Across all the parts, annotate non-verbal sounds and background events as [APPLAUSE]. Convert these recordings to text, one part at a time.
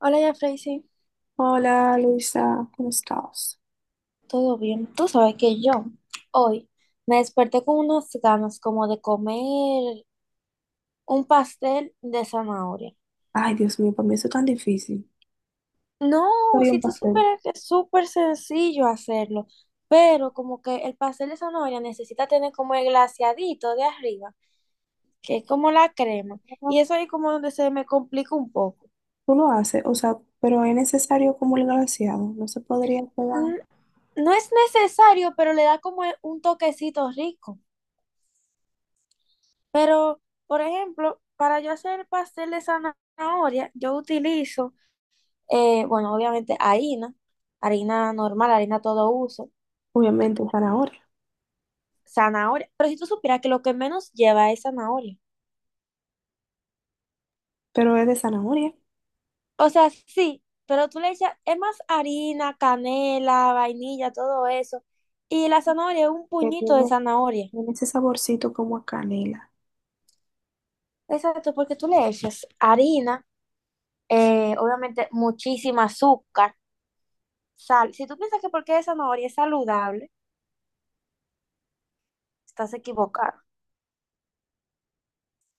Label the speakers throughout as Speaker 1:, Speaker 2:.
Speaker 1: Hola, ya Tracy.
Speaker 2: Hola Luisa, ¿cómo estás?
Speaker 1: ¿Todo bien? Tú sabes que yo hoy me desperté con unas ganas como de comer un pastel de zanahoria.
Speaker 2: Ay, Dios mío, para mí eso es tan difícil.
Speaker 1: No,
Speaker 2: Haría un
Speaker 1: si tú
Speaker 2: pastel.
Speaker 1: supieras que es súper sencillo hacerlo, pero como que el pastel de zanahoria necesita tener como el glaseadito de arriba, que es como la crema, y eso ahí como donde se me complica un poco.
Speaker 2: Tú lo haces, o sea, pero ¿es necesario como el glaseado? ¿No se podría pegar?
Speaker 1: Mm, No es necesario, pero le da como un toquecito rico. Pero, por ejemplo, para yo hacer pastel de zanahoria, yo utilizo, bueno, obviamente harina, harina normal, harina todo uso,
Speaker 2: Obviamente, zanahoria,
Speaker 1: zanahoria. Pero si tú supieras que lo que menos lleva es zanahoria.
Speaker 2: pero es de zanahoria,
Speaker 1: O sea, sí, pero tú le echas, es más harina, canela, vainilla, todo eso. Y la zanahoria es un
Speaker 2: que
Speaker 1: puñito de
Speaker 2: tiene,
Speaker 1: zanahoria.
Speaker 2: tiene ese saborcito como a canela.
Speaker 1: Exacto, porque tú le echas harina, obviamente muchísima azúcar, sal. Si tú piensas que porque es zanahoria es saludable, estás equivocado.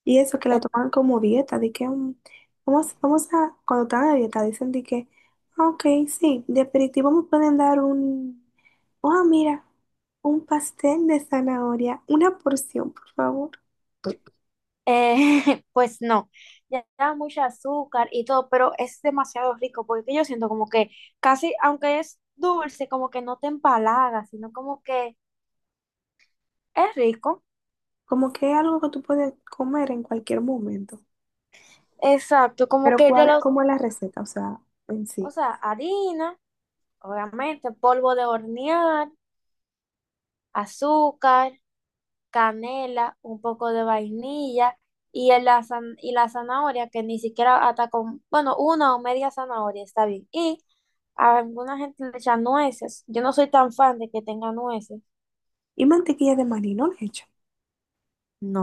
Speaker 2: Y eso que la toman como dieta, de que vamos, cuando están a dieta, dicen de que, "Ah, ok, sí, de aperitivo me pueden dar un, ah, mira, un pastel de zanahoria, una porción, por favor".
Speaker 1: [LAUGHS] Pues no, ya da mucho azúcar y todo, pero es demasiado rico porque yo siento como que casi, aunque es dulce, como que no te empalaga, sino como que es rico.
Speaker 2: Como que es algo que tú puedes comer en cualquier momento.
Speaker 1: Exacto, como
Speaker 2: Pero
Speaker 1: que de
Speaker 2: cuál,
Speaker 1: los,
Speaker 2: ¿cómo es la receta? O sea, en
Speaker 1: o
Speaker 2: sí.
Speaker 1: sea, harina, obviamente, polvo de hornear, azúcar, canela, un poco de vainilla y, y la zanahoria, que ni siquiera hasta con, bueno, una o media zanahoria está bien. Y a alguna gente le echa nueces. Yo no soy tan fan de que tenga nueces.
Speaker 2: Y mantequilla de maní, ¿no le echan?
Speaker 1: No.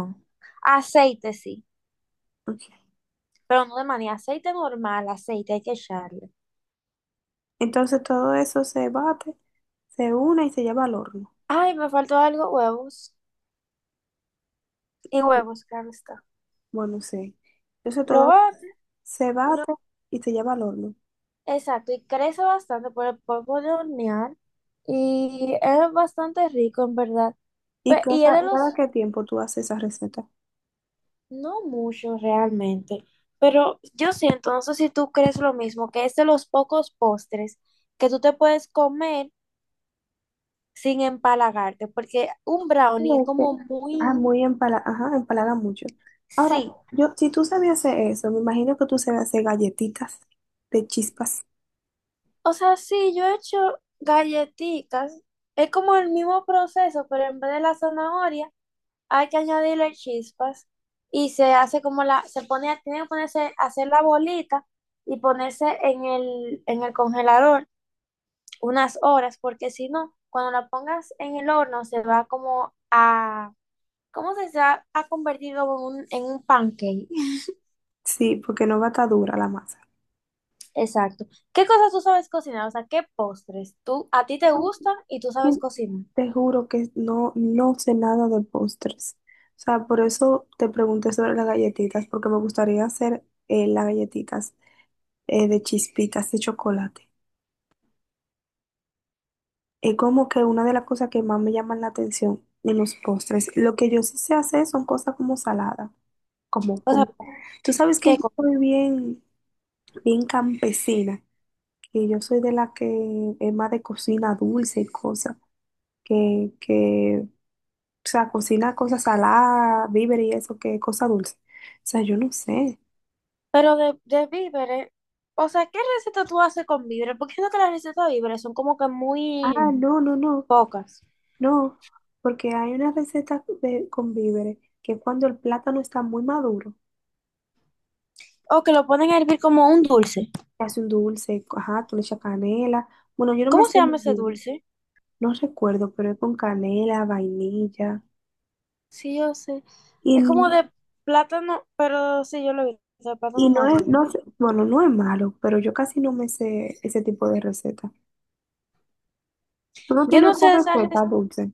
Speaker 1: Aceite sí,
Speaker 2: Ok.
Speaker 1: pero no de manera, aceite normal, aceite hay que echarle.
Speaker 2: Entonces todo eso se bate, se une y se lleva al horno.
Speaker 1: Ay, me faltó algo, huevos. Y huevos, claro está.
Speaker 2: Bueno, sí. Entonces
Speaker 1: Lo
Speaker 2: todo
Speaker 1: bate,
Speaker 2: se
Speaker 1: y
Speaker 2: bate y se lleva al horno.
Speaker 1: exacto, y crece bastante por el polvo de hornear y es bastante rico en verdad.
Speaker 2: ¿Y cada,
Speaker 1: Y es de los,
Speaker 2: cada qué tiempo tú haces esa receta?
Speaker 1: no mucho realmente, pero yo siento, no sé si tú crees lo mismo, que es de los pocos postres que tú te puedes comer sin empalagarte, porque un brownie es
Speaker 2: Este,
Speaker 1: como
Speaker 2: Ah,
Speaker 1: muy,
Speaker 2: muy empala, ajá, empalaga mucho. Ahora,
Speaker 1: sí,
Speaker 2: yo, si tú sabías hacer eso, me imagino que tú sabes hacer galletitas de chispas.
Speaker 1: o sea, sí, yo he hecho galletitas, es como el mismo proceso, pero en vez de la zanahoria, hay que añadirle chispas y se hace como la, se pone, tiene que ponerse, hacer la bolita y ponerse en el congelador unas horas, porque si no, cuando la pongas en el horno se va como a, ¿cómo ha convertido en un pancake?
Speaker 2: Sí, porque no va a estar dura la masa.
Speaker 1: [LAUGHS] Exacto. ¿Qué cosas tú sabes cocinar? O sea, ¿qué postres tú, a ti te gustan y tú sabes cocinar?
Speaker 2: Te juro que no, no sé nada de postres. O sea, por eso te pregunté sobre las galletitas, porque me gustaría hacer las galletitas de chispitas de chocolate. Es como que una de las cosas que más me llaman la atención en los postres. Lo que yo sí sé hacer son cosas como salada, como,
Speaker 1: O sea,
Speaker 2: como... Tú sabes que
Speaker 1: ¿qué
Speaker 2: yo
Speaker 1: cosas?
Speaker 2: soy bien, bien campesina, que yo soy de la que es más de cocina dulce y cosas, que... O sea, cocina cosas saladas, víveres y eso, que cosa dulce. O sea, yo no sé.
Speaker 1: Pero de víveres, o sea, ¿qué receta tú haces con víveres? Porque siento que las recetas de víveres son como que
Speaker 2: Ah,
Speaker 1: muy
Speaker 2: no, no, no,
Speaker 1: pocas.
Speaker 2: no. Porque hay una receta de, con víveres, que es cuando el plátano está muy maduro,
Speaker 1: O que lo ponen a hervir como un dulce.
Speaker 2: te hace un dulce, ajá, tú le echas canela. Bueno, yo no me
Speaker 1: ¿Cómo
Speaker 2: sé
Speaker 1: se
Speaker 2: muy
Speaker 1: llama ese
Speaker 2: bien,
Speaker 1: dulce?
Speaker 2: no recuerdo, pero es con canela, vainilla.
Speaker 1: Sí, yo sé. Es como
Speaker 2: Y,
Speaker 1: de plátano, pero sí, yo lo vi, de
Speaker 2: y
Speaker 1: plátano
Speaker 2: no es,
Speaker 1: maduro.
Speaker 2: no
Speaker 1: Muy...
Speaker 2: sé,
Speaker 1: rico.
Speaker 2: bueno, no es malo, pero yo casi no me sé ese tipo de receta. ¿Tú no
Speaker 1: Yo
Speaker 2: tienes
Speaker 1: no sé de
Speaker 2: otra
Speaker 1: esa
Speaker 2: receta
Speaker 1: res-
Speaker 2: dulce?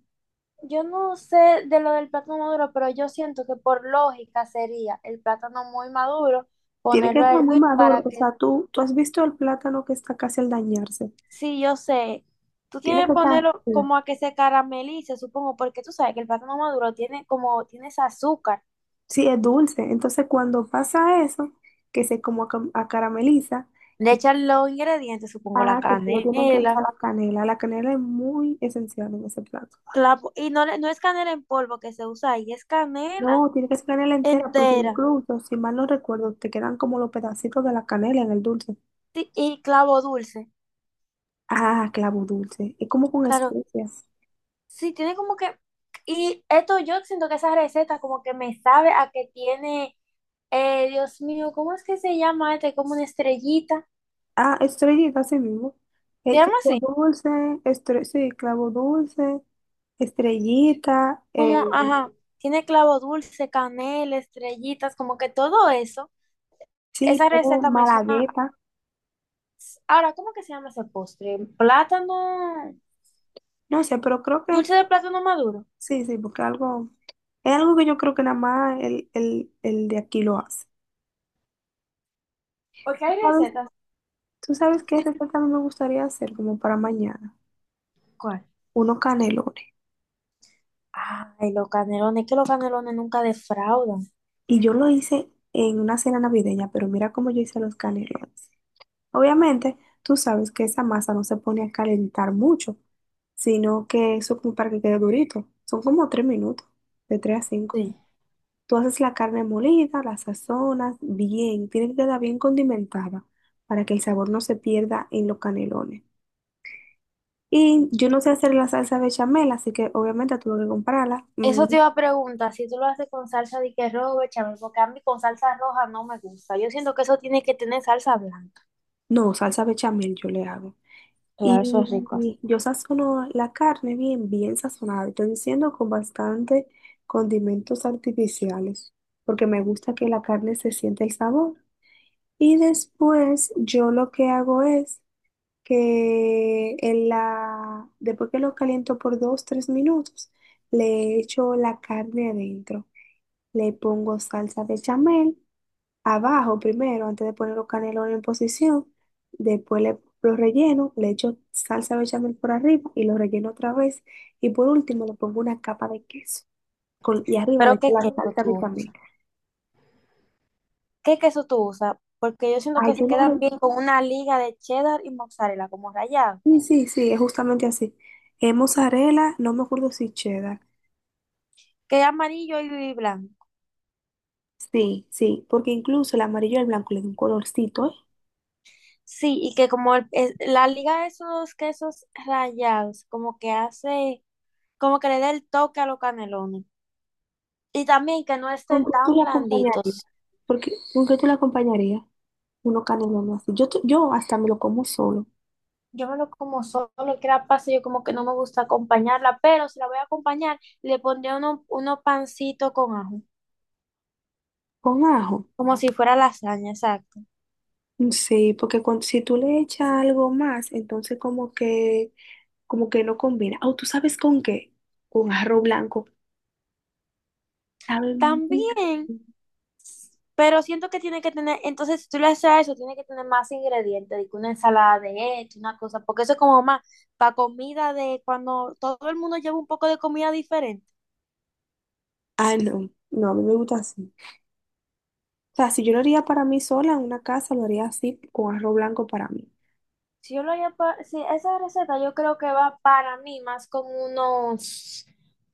Speaker 1: yo no sé de lo del plátano maduro, pero yo siento que por lógica sería el plátano muy maduro,
Speaker 2: Tiene que
Speaker 1: ponerlo a
Speaker 2: estar muy
Speaker 1: hervir
Speaker 2: maduro.
Speaker 1: para
Speaker 2: O
Speaker 1: que
Speaker 2: sea, tú has visto el plátano que está casi al dañarse.
Speaker 1: sí, yo sé. Tú
Speaker 2: Tiene
Speaker 1: tienes
Speaker 2: que
Speaker 1: que
Speaker 2: estar
Speaker 1: ponerlo
Speaker 2: así.
Speaker 1: como a que se caramelice, supongo, porque tú sabes que el plátano maduro tiene como, tiene ese azúcar.
Speaker 2: Sí, es dulce. Entonces, cuando pasa eso, que se como acarameliza,
Speaker 1: Le
Speaker 2: que,
Speaker 1: echan los ingredientes, supongo, la
Speaker 2: ah, que le tienen que
Speaker 1: canela.
Speaker 2: echar la canela. La canela es muy esencial en ese plato.
Speaker 1: No, no es canela en polvo que se usa ahí, es canela
Speaker 2: No, tiene que ser canela entera, porque
Speaker 1: entera.
Speaker 2: incluso, si mal no recuerdo, te quedan como los pedacitos de la canela en el dulce.
Speaker 1: Y clavo dulce.
Speaker 2: Ah, clavo dulce. Es como con
Speaker 1: Claro,
Speaker 2: especias.
Speaker 1: sí, tiene como que... Y esto yo siento que esa receta como que me sabe a que tiene, Dios mío, ¿cómo es que se llama este? Como una estrellita.
Speaker 2: Ah, estrellita, así mismo.
Speaker 1: ¿Se llama
Speaker 2: Clavo
Speaker 1: así?
Speaker 2: dulce, sí, clavo dulce, estrellita,
Speaker 1: Como, ajá, tiene clavo dulce, canela, estrellitas, como que todo eso.
Speaker 2: sí,
Speaker 1: Esa
Speaker 2: tengo
Speaker 1: receta me suena.
Speaker 2: malagueta.
Speaker 1: Ahora, ¿cómo que se llama ese postre? Plátano,
Speaker 2: No sé, pero creo que
Speaker 1: dulce de plátano maduro.
Speaker 2: sí, sí, porque algo, es algo que yo creo que nada más el de aquí lo hace.
Speaker 1: Porque
Speaker 2: ¿Tú
Speaker 1: hay
Speaker 2: sabes,
Speaker 1: recetas.
Speaker 2: tú sabes qué
Speaker 1: Sí,
Speaker 2: receta a mí me gustaría hacer como para mañana?
Speaker 1: ¿cuál?
Speaker 2: Unos canelones.
Speaker 1: Ay, los canelones, que los canelones nunca defraudan.
Speaker 2: Y yo lo hice en una cena navideña, pero mira cómo yo hice los canelones. Obviamente, tú sabes que esa masa no se pone a calentar mucho, sino que eso como para que quede durito. Son como 3 minutos, de 3 a 5.
Speaker 1: Sí.
Speaker 2: Tú haces la carne molida, la sazonas bien, tiene que quedar bien condimentada para que el sabor no se pierda en los canelones. Y yo no sé hacer la salsa bechamel, así que obviamente tuve que comprarla. Mm.
Speaker 1: Eso te iba a preguntar, si tú lo haces con salsa de que rojo, bechamel, porque a mí con salsa roja no me gusta. Yo siento que eso tiene que tener salsa blanca.
Speaker 2: No, salsa bechamel yo le hago. Y
Speaker 1: Claro, eso es rico, así.
Speaker 2: yo sazono la carne bien, bien sazonada. Estoy diciendo con bastante condimentos artificiales, porque me gusta que la carne se sienta el sabor. Y después yo lo que hago es que en la, después que lo caliento por 2, 3 minutos, le echo la carne adentro. Le pongo salsa bechamel abajo primero antes de poner los canelones en posición. Después le, los relleno, le echo salsa bechamel por arriba y lo relleno otra vez. Y por último le pongo una capa de queso. Y arriba le
Speaker 1: Pero
Speaker 2: echo
Speaker 1: ¿qué
Speaker 2: la
Speaker 1: queso
Speaker 2: salsa
Speaker 1: tú
Speaker 2: bechamel.
Speaker 1: usas? ¿Qué queso tú usas? Porque yo siento
Speaker 2: Ay,
Speaker 1: que se
Speaker 2: yo no...
Speaker 1: quedan bien con una liga de cheddar y mozzarella, como rallado,
Speaker 2: Sí, sí, sí, es justamente así. Es mozzarella, no me acuerdo si cheddar.
Speaker 1: que es amarillo y blanco.
Speaker 2: Sí, sí, porque incluso el amarillo y el blanco le da un colorcito, ¿eh?
Speaker 1: Sí, y que como la liga de esos quesos rallados, como que hace, como que le da el toque a los canelones. Y también que no
Speaker 2: ¿Con
Speaker 1: estén
Speaker 2: qué tú
Speaker 1: tan
Speaker 2: la acompañarías?
Speaker 1: blanditos.
Speaker 2: Porque, ¿con qué tú la acompañarías? Uno canelones así. Yo, yo hasta me lo como solo.
Speaker 1: Yo me lo como solo, que la pasta, yo como que no me gusta acompañarla, pero si la voy a acompañar, le pondría uno pancito con ajo,
Speaker 2: Con ajo.
Speaker 1: como si fuera lasaña, exacto.
Speaker 2: Sí, porque cuando, si tú le echas algo más, entonces como que no combina. Oh, ¿tú sabes con qué? Con arroz blanco. Sabe muy...
Speaker 1: También pero siento que tiene que tener, entonces si tú le haces a eso, tiene que tener más ingredientes, de que una ensalada de esto, una cosa, porque eso es como más para comida de cuando todo el mundo lleva un poco de comida diferente.
Speaker 2: Ah, no, no, a mí me gusta así. O sea, si yo lo haría para mí sola en una casa, lo haría así con arroz blanco para mí.
Speaker 1: Si yo lo haría para, si esa receta yo creo que va para mí más con unos,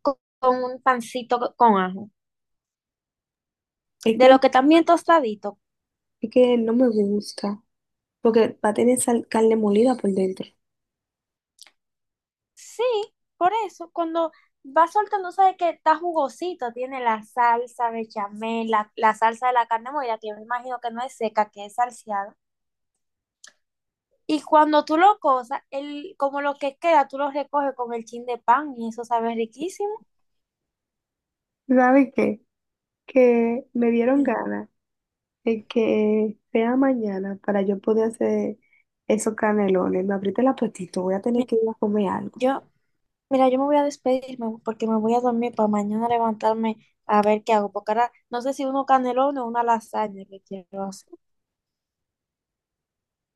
Speaker 1: con un pancito con ajo,
Speaker 2: Es
Speaker 1: de
Speaker 2: que,
Speaker 1: lo que también tostadito.
Speaker 2: es que no me gusta, porque va a tener carne molida por dentro.
Speaker 1: Sí, por eso, cuando va soltando, sabes que está jugosito, tiene la salsa bechamel, la salsa de la carne molida, que yo me imagino que no es seca, que es salseada. Y cuando tú lo cosas, el, como lo que queda, tú lo recoges con el chin de pan y eso sabe riquísimo.
Speaker 2: ¿Sabe qué? Que me dieron
Speaker 1: Mira,
Speaker 2: ganas de que sea mañana para yo poder hacer esos canelones. Me abriste el apetito, voy a tener
Speaker 1: mira,
Speaker 2: que ir a comer algo.
Speaker 1: yo, Mira, yo me voy a despedirme porque me voy a dormir para mañana levantarme a ver qué hago, porque ahora no sé si uno canelón o una lasaña que quiero hacer.